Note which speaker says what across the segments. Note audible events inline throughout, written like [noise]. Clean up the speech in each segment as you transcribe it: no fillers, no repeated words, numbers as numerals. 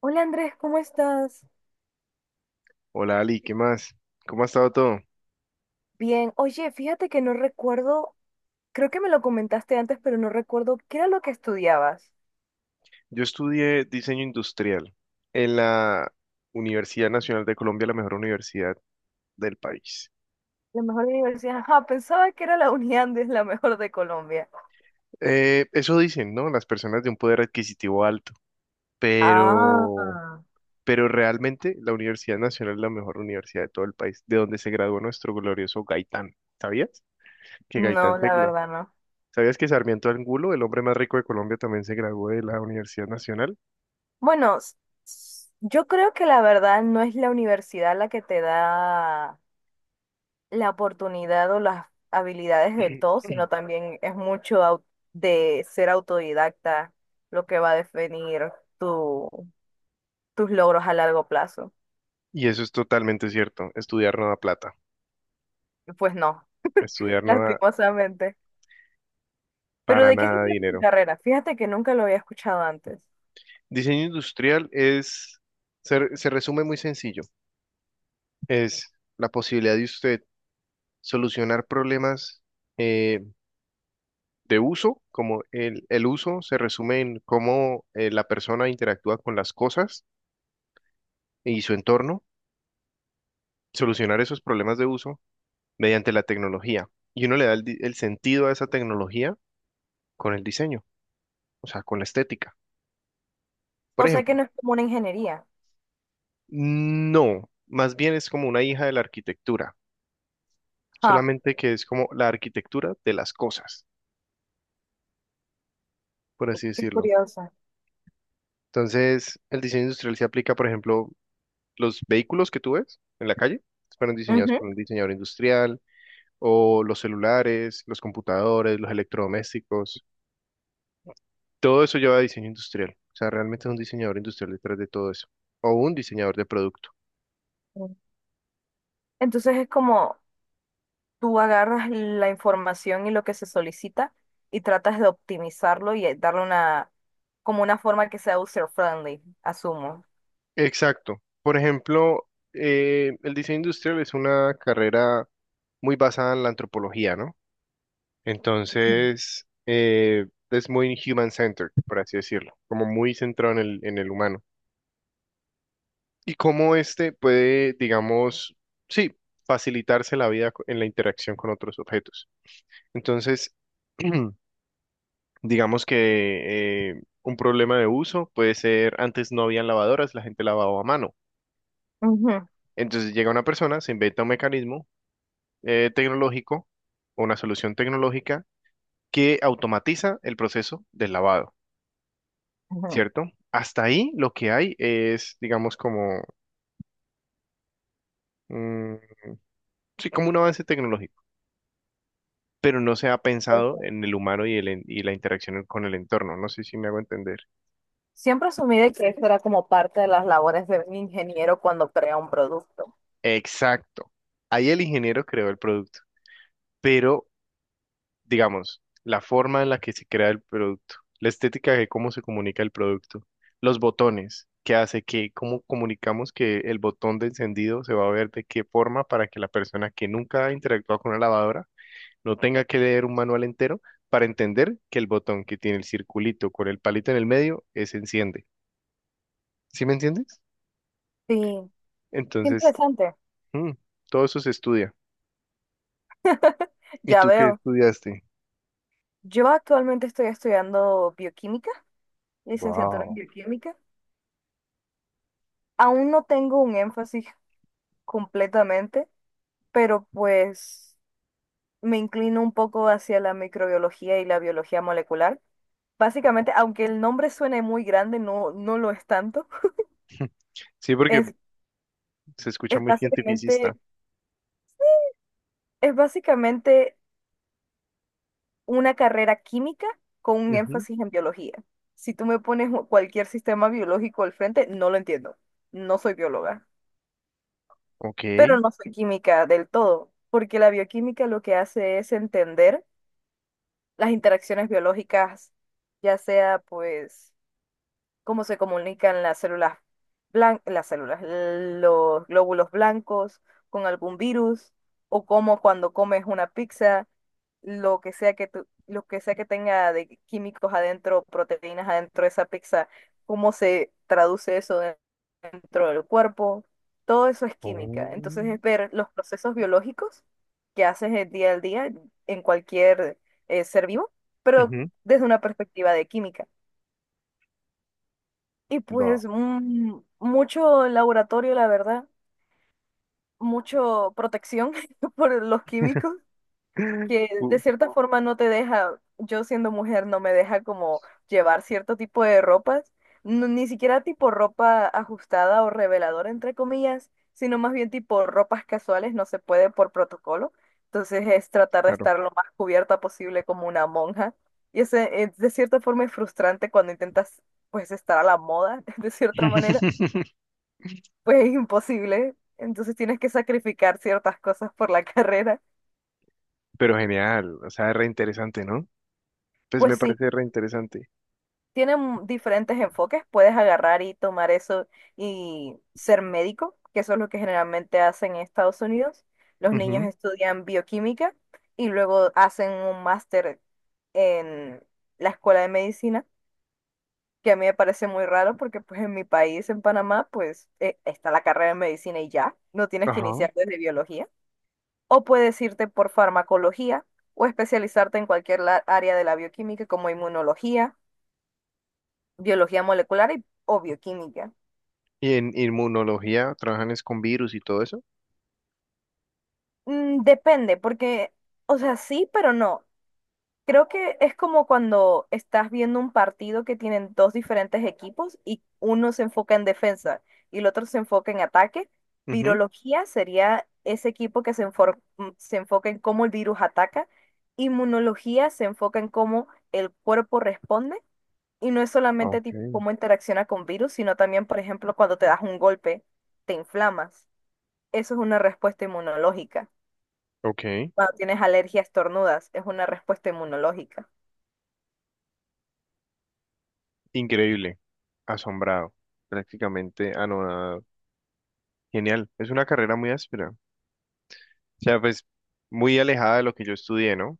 Speaker 1: Hola Andrés, ¿cómo estás?
Speaker 2: Hola Ali, ¿qué más? ¿Cómo ha estado todo?
Speaker 1: Bien, oye, fíjate que no recuerdo, creo que me lo comentaste antes, pero no recuerdo qué era lo que estudiabas.
Speaker 2: Yo estudié diseño industrial en la Universidad Nacional de Colombia, la mejor universidad del país.
Speaker 1: La mejor universidad, [laughs] ajá, pensaba que era la Uniandes, la mejor de Colombia.
Speaker 2: Eso dicen, ¿no? Las personas de un poder adquisitivo alto,
Speaker 1: Ah,
Speaker 2: pero, pero realmente la Universidad Nacional es la mejor universidad de todo el país, de donde se graduó nuestro glorioso Gaitán. ¿Sabías que
Speaker 1: no, la verdad no.
Speaker 2: Sabías que Sarmiento Angulo, el hombre más rico de Colombia, también se graduó de la Universidad Nacional?
Speaker 1: Bueno, yo creo que la verdad no es la universidad la que te da la oportunidad o las habilidades del todo,
Speaker 2: [clears throat]
Speaker 1: sino también es mucho de ser autodidacta lo que va a definir tu... tus logros a largo plazo.
Speaker 2: Y eso es totalmente cierto, estudiar no da plata.
Speaker 1: Y pues no,
Speaker 2: Estudiar
Speaker 1: [laughs]
Speaker 2: no da
Speaker 1: lastimosamente. Pero
Speaker 2: para
Speaker 1: ¿de qué se
Speaker 2: nada
Speaker 1: trata tu
Speaker 2: dinero.
Speaker 1: carrera? Fíjate que nunca lo había escuchado antes.
Speaker 2: Diseño industrial se resume muy sencillo. Es la posibilidad de usted solucionar problemas eh, de uso, como el uso se resume en cómo la persona interactúa con las cosas y su entorno, solucionar esos problemas de uso mediante la tecnología. Y uno le da el sentido a esa tecnología con el diseño, o sea, con la estética. Por
Speaker 1: O sea que
Speaker 2: ejemplo,
Speaker 1: no es como una ingeniería.
Speaker 2: no, más bien es como una hija de la arquitectura,
Speaker 1: Ah,
Speaker 2: solamente que es como la arquitectura de las cosas, por así
Speaker 1: qué
Speaker 2: decirlo.
Speaker 1: curiosa.
Speaker 2: Entonces, el diseño industrial se aplica, por ejemplo, los vehículos que tú ves en la calle fueron diseñados
Speaker 1: Ujú.
Speaker 2: por un diseñador industrial, o los celulares, los computadores, los electrodomésticos, todo eso lleva a diseño industrial. O sea, realmente es un diseñador industrial detrás de todo eso, o un diseñador de producto.
Speaker 1: Entonces es como tú agarras la información y lo que se solicita y tratas de optimizarlo y darle una, como una forma que sea user-friendly, asumo.
Speaker 2: Exacto. Por ejemplo, el diseño industrial es una carrera muy basada en la antropología, ¿no?
Speaker 1: Ujú.
Speaker 2: Entonces, es muy human-centered, por así decirlo, como muy centrado en en el humano. Y cómo este puede, digamos, sí, facilitarse la vida en la interacción con otros objetos. Entonces, [clears throat] digamos que un problema de uso puede ser, antes no había lavadoras, la gente lavaba a mano.
Speaker 1: Ujú,
Speaker 2: Entonces llega una persona, se inventa un mecanismo tecnológico o una solución tecnológica que automatiza el proceso del lavado.
Speaker 1: ujú.
Speaker 2: ¿Cierto? Hasta ahí lo que hay es, digamos, como, mm, sí, como un avance tecnológico, pero no se ha pensado en el humano y la interacción con el entorno. No sé si me hago entender.
Speaker 1: Siempre asumí de que esto era como parte de las labores de un ingeniero cuando crea un producto.
Speaker 2: Exacto. Ahí el ingeniero creó el producto, pero, digamos, la forma en la que se crea el producto, la estética de cómo se comunica el producto, los botones. ¿Qué hace que, cómo comunicamos que el botón de encendido se va a ver de qué forma para que la persona que nunca ha interactuado con una lavadora no tenga que leer un manual entero para entender que el botón que tiene el circulito con el palito en el medio es enciende? ¿Sí me entiendes?
Speaker 1: Sí. Qué
Speaker 2: Entonces,
Speaker 1: interesante.
Speaker 2: mm, todo eso se estudia. ¿Y
Speaker 1: Ya
Speaker 2: tú qué
Speaker 1: veo.
Speaker 2: estudiaste?
Speaker 1: Yo actualmente estoy estudiando bioquímica, licenciatura en
Speaker 2: Wow.
Speaker 1: bioquímica. Aún no tengo un énfasis completamente, pero pues me inclino un poco hacia la microbiología y la biología molecular. Básicamente, aunque el nombre suene muy grande, no, no lo es tanto.
Speaker 2: Sí, porque
Speaker 1: Es,
Speaker 2: se escucha
Speaker 1: es
Speaker 2: muy cientificista.
Speaker 1: básicamente, es básicamente, una carrera química con un
Speaker 2: Ujú.
Speaker 1: énfasis en biología. Si tú me pones cualquier sistema biológico al frente, no lo entiendo. No soy bióloga.
Speaker 2: Ok.
Speaker 1: Pero no fue química del todo, porque la bioquímica lo que hace es entender las interacciones biológicas, ya sea pues cómo se comunican las células, los glóbulos blancos con algún virus, o cómo cuando comes una pizza, lo que sea que tenga de químicos adentro, proteínas adentro de esa pizza, cómo se traduce eso dentro del cuerpo, todo eso es química. Entonces
Speaker 2: Oh,
Speaker 1: es ver los procesos biológicos que haces el día al día en cualquier ser vivo, pero
Speaker 2: ujú.
Speaker 1: desde una perspectiva de química. Y
Speaker 2: Va.
Speaker 1: pues mucho laboratorio, la verdad, mucho protección [laughs] por los químicos
Speaker 2: [laughs]
Speaker 1: que
Speaker 2: Uh,
Speaker 1: de cierta forma no te deja, yo siendo mujer no me deja como llevar cierto tipo de ropas, ni siquiera tipo ropa ajustada o reveladora entre comillas, sino más bien tipo ropas casuales, no se puede por protocolo. Entonces es tratar de
Speaker 2: claro.
Speaker 1: estar lo más cubierta posible como una monja. Es de cierta forma es frustrante cuando intentas pues estar a la moda, [laughs] de cierta manera,
Speaker 2: [laughs]
Speaker 1: pues es imposible. Entonces tienes que sacrificar ciertas cosas por la [laughs] carrera.
Speaker 2: Pero genial, o sea, re interesante, ¿no? Pues
Speaker 1: Pues
Speaker 2: me
Speaker 1: sí.
Speaker 2: parece re interesante.
Speaker 1: Tienen diferentes enfoques. Puedes agarrar y tomar eso y ser médico, que eso es lo que generalmente hacen en Estados Unidos. Los niños
Speaker 2: Ujú,
Speaker 1: estudian bioquímica y luego hacen un máster en la escuela de medicina, que a mí me parece muy raro porque pues en mi país, en Panamá, pues está la carrera de medicina y ya, no tienes que
Speaker 2: ajá.
Speaker 1: iniciar desde biología. O puedes irte por farmacología o especializarte en cualquier área de la bioquímica como inmunología, biología molecular o bioquímica.
Speaker 2: ¿Y en inmunología trabajan es con virus y todo eso?
Speaker 1: Depende, porque, o sea, sí, pero no. Creo que es como cuando estás viendo un partido que tienen dos diferentes equipos y uno se enfoca en defensa y el otro se enfoca en ataque.
Speaker 2: Ujú.
Speaker 1: Virología sería ese equipo que se enfoca en cómo el virus ataca. Inmunología se enfoca en cómo el cuerpo responde. Y no es solamente
Speaker 2: Ok,
Speaker 1: tipo cómo interacciona con virus, sino también, por ejemplo, cuando te das un golpe, te inflamas. Eso es una respuesta inmunológica.
Speaker 2: ok.
Speaker 1: Cuando tienes alergias tornudas, es una respuesta inmunológica.
Speaker 2: Increíble. Asombrado. Prácticamente anonadado. Genial. Es una carrera muy áspera. O sea, pues muy alejada de lo que yo estudié, ¿no?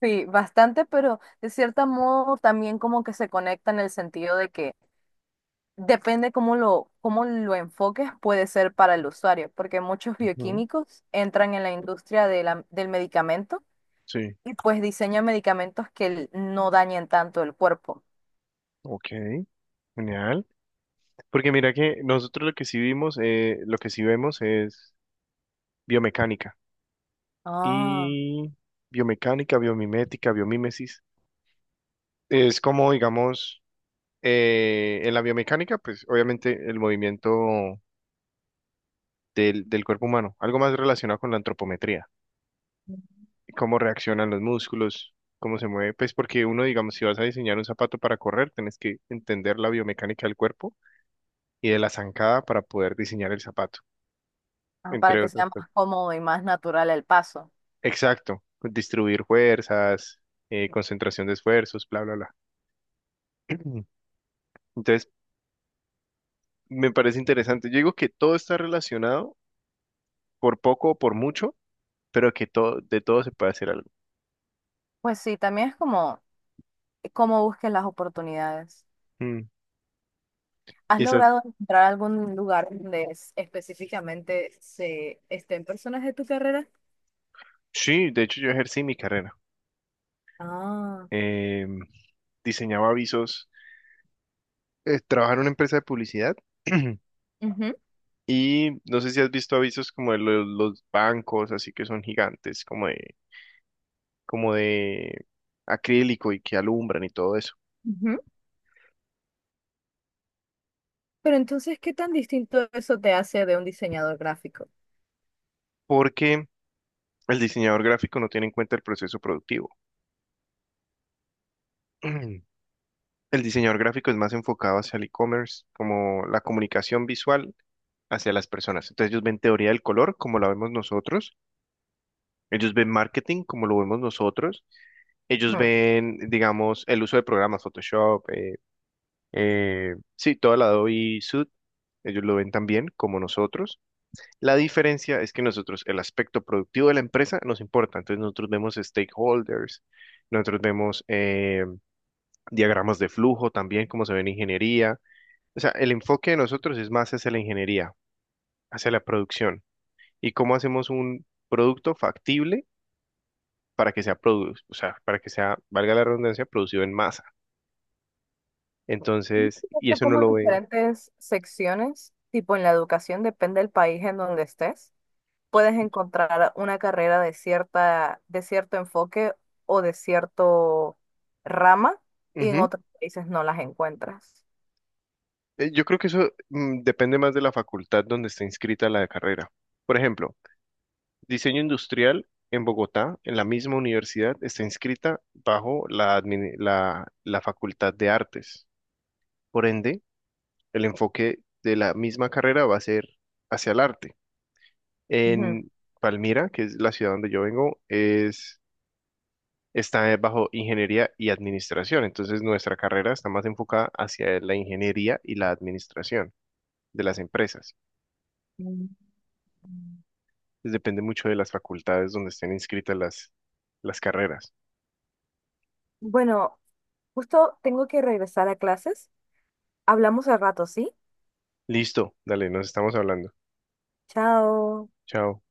Speaker 1: Sí, bastante, pero de cierto modo también como que se conecta en el sentido de que depende cómo lo enfoques, puede ser para el usuario, porque muchos
Speaker 2: Ujú,
Speaker 1: bioquímicos entran en la industria de del medicamento
Speaker 2: sí.
Speaker 1: y pues diseñan medicamentos que no dañen tanto el cuerpo.
Speaker 2: Ok. Genial. Porque mira que nosotros lo que sí vimos, lo que sí vemos es biomecánica.
Speaker 1: Ah,
Speaker 2: Y biomecánica, biomimética, biomimesis. Es como, digamos, en la biomecánica, pues obviamente el movimiento del cuerpo humano, algo más relacionado con la antropometría. Cómo reaccionan los músculos, cómo se mueve, pues porque uno, digamos, si vas a diseñar un zapato para correr, tienes que entender la biomecánica del cuerpo y de la zancada para poder diseñar el zapato,
Speaker 1: ah, para
Speaker 2: entre
Speaker 1: que
Speaker 2: otras
Speaker 1: sea más
Speaker 2: cosas.
Speaker 1: cómodo y más natural el paso.
Speaker 2: Exacto, distribuir fuerzas, concentración de esfuerzos, bla, bla, bla. [clears throat] Entonces, me parece interesante. Yo digo que todo está relacionado, por poco o por mucho, pero que todo, de todo se puede hacer algo.
Speaker 1: Pues sí, también es como cómo busques las oportunidades.
Speaker 2: Mm.
Speaker 1: ¿Has
Speaker 2: Y eso,
Speaker 1: logrado encontrar algún lugar donde específicamente se estén personas de tu carrera?
Speaker 2: sí, de hecho yo ejercí mi carrera.
Speaker 1: Ah,
Speaker 2: Em, diseñaba avisos, trabajo en una empresa de publicidad [clears throat]
Speaker 1: ujú,
Speaker 2: y no sé si has visto avisos como de los bancos, así que son gigantes, como de acrílico y que alumbran y todo eso,
Speaker 1: ujú. Pero entonces, ¿qué tan distinto eso te hace de un diseñador gráfico?
Speaker 2: porque el diseñador gráfico no tiene en cuenta el proceso productivo. [clears throat] El diseñador gráfico es más enfocado hacia el e-commerce, como la comunicación visual hacia las personas. Entonces ellos ven teoría del color como la vemos nosotros, ellos ven marketing como lo vemos nosotros. Ellos
Speaker 1: Ujú.
Speaker 2: ven, digamos, el uso de programas, Photoshop, sí, toda la Adobe Sud, ellos lo ven también como nosotros. La diferencia es que nosotros, el aspecto productivo de la empresa nos importa. Entonces nosotros vemos stakeholders, nosotros vemos diagramas de flujo también, como se ve en ingeniería. O sea, el enfoque de nosotros es más hacia la ingeniería, hacia la producción y cómo hacemos un producto factible para que sea o sea, para que sea, valga la redundancia, producido en masa. Entonces, y
Speaker 1: Esto
Speaker 2: eso no
Speaker 1: como
Speaker 2: lo ve.
Speaker 1: diferentes secciones, tipo en la educación, depende del país en donde estés, puedes encontrar una carrera de cierto enfoque o de cierto rama, y en otros países no las encuentras.
Speaker 2: Yo creo que eso depende más de la facultad donde está inscrita la carrera. Por ejemplo, diseño industrial en Bogotá, en la misma universidad, está inscrita bajo la facultad de artes. Por ende, el enfoque de la misma carrera va a ser hacia el arte.
Speaker 1: Ujú.
Speaker 2: En Palmira, que es la ciudad donde yo vengo, es, está bajo ingeniería y administración. Entonces, nuestra carrera está más enfocada hacia la ingeniería y la administración de las empresas.
Speaker 1: Mm.
Speaker 2: Pues depende mucho de las facultades donde estén inscritas las carreras.
Speaker 1: Bueno. Justo tengo que regresar a clases. Hablamos al rato, ¿sí?
Speaker 2: Listo, dale, nos estamos hablando.
Speaker 1: Chao.
Speaker 2: Chao.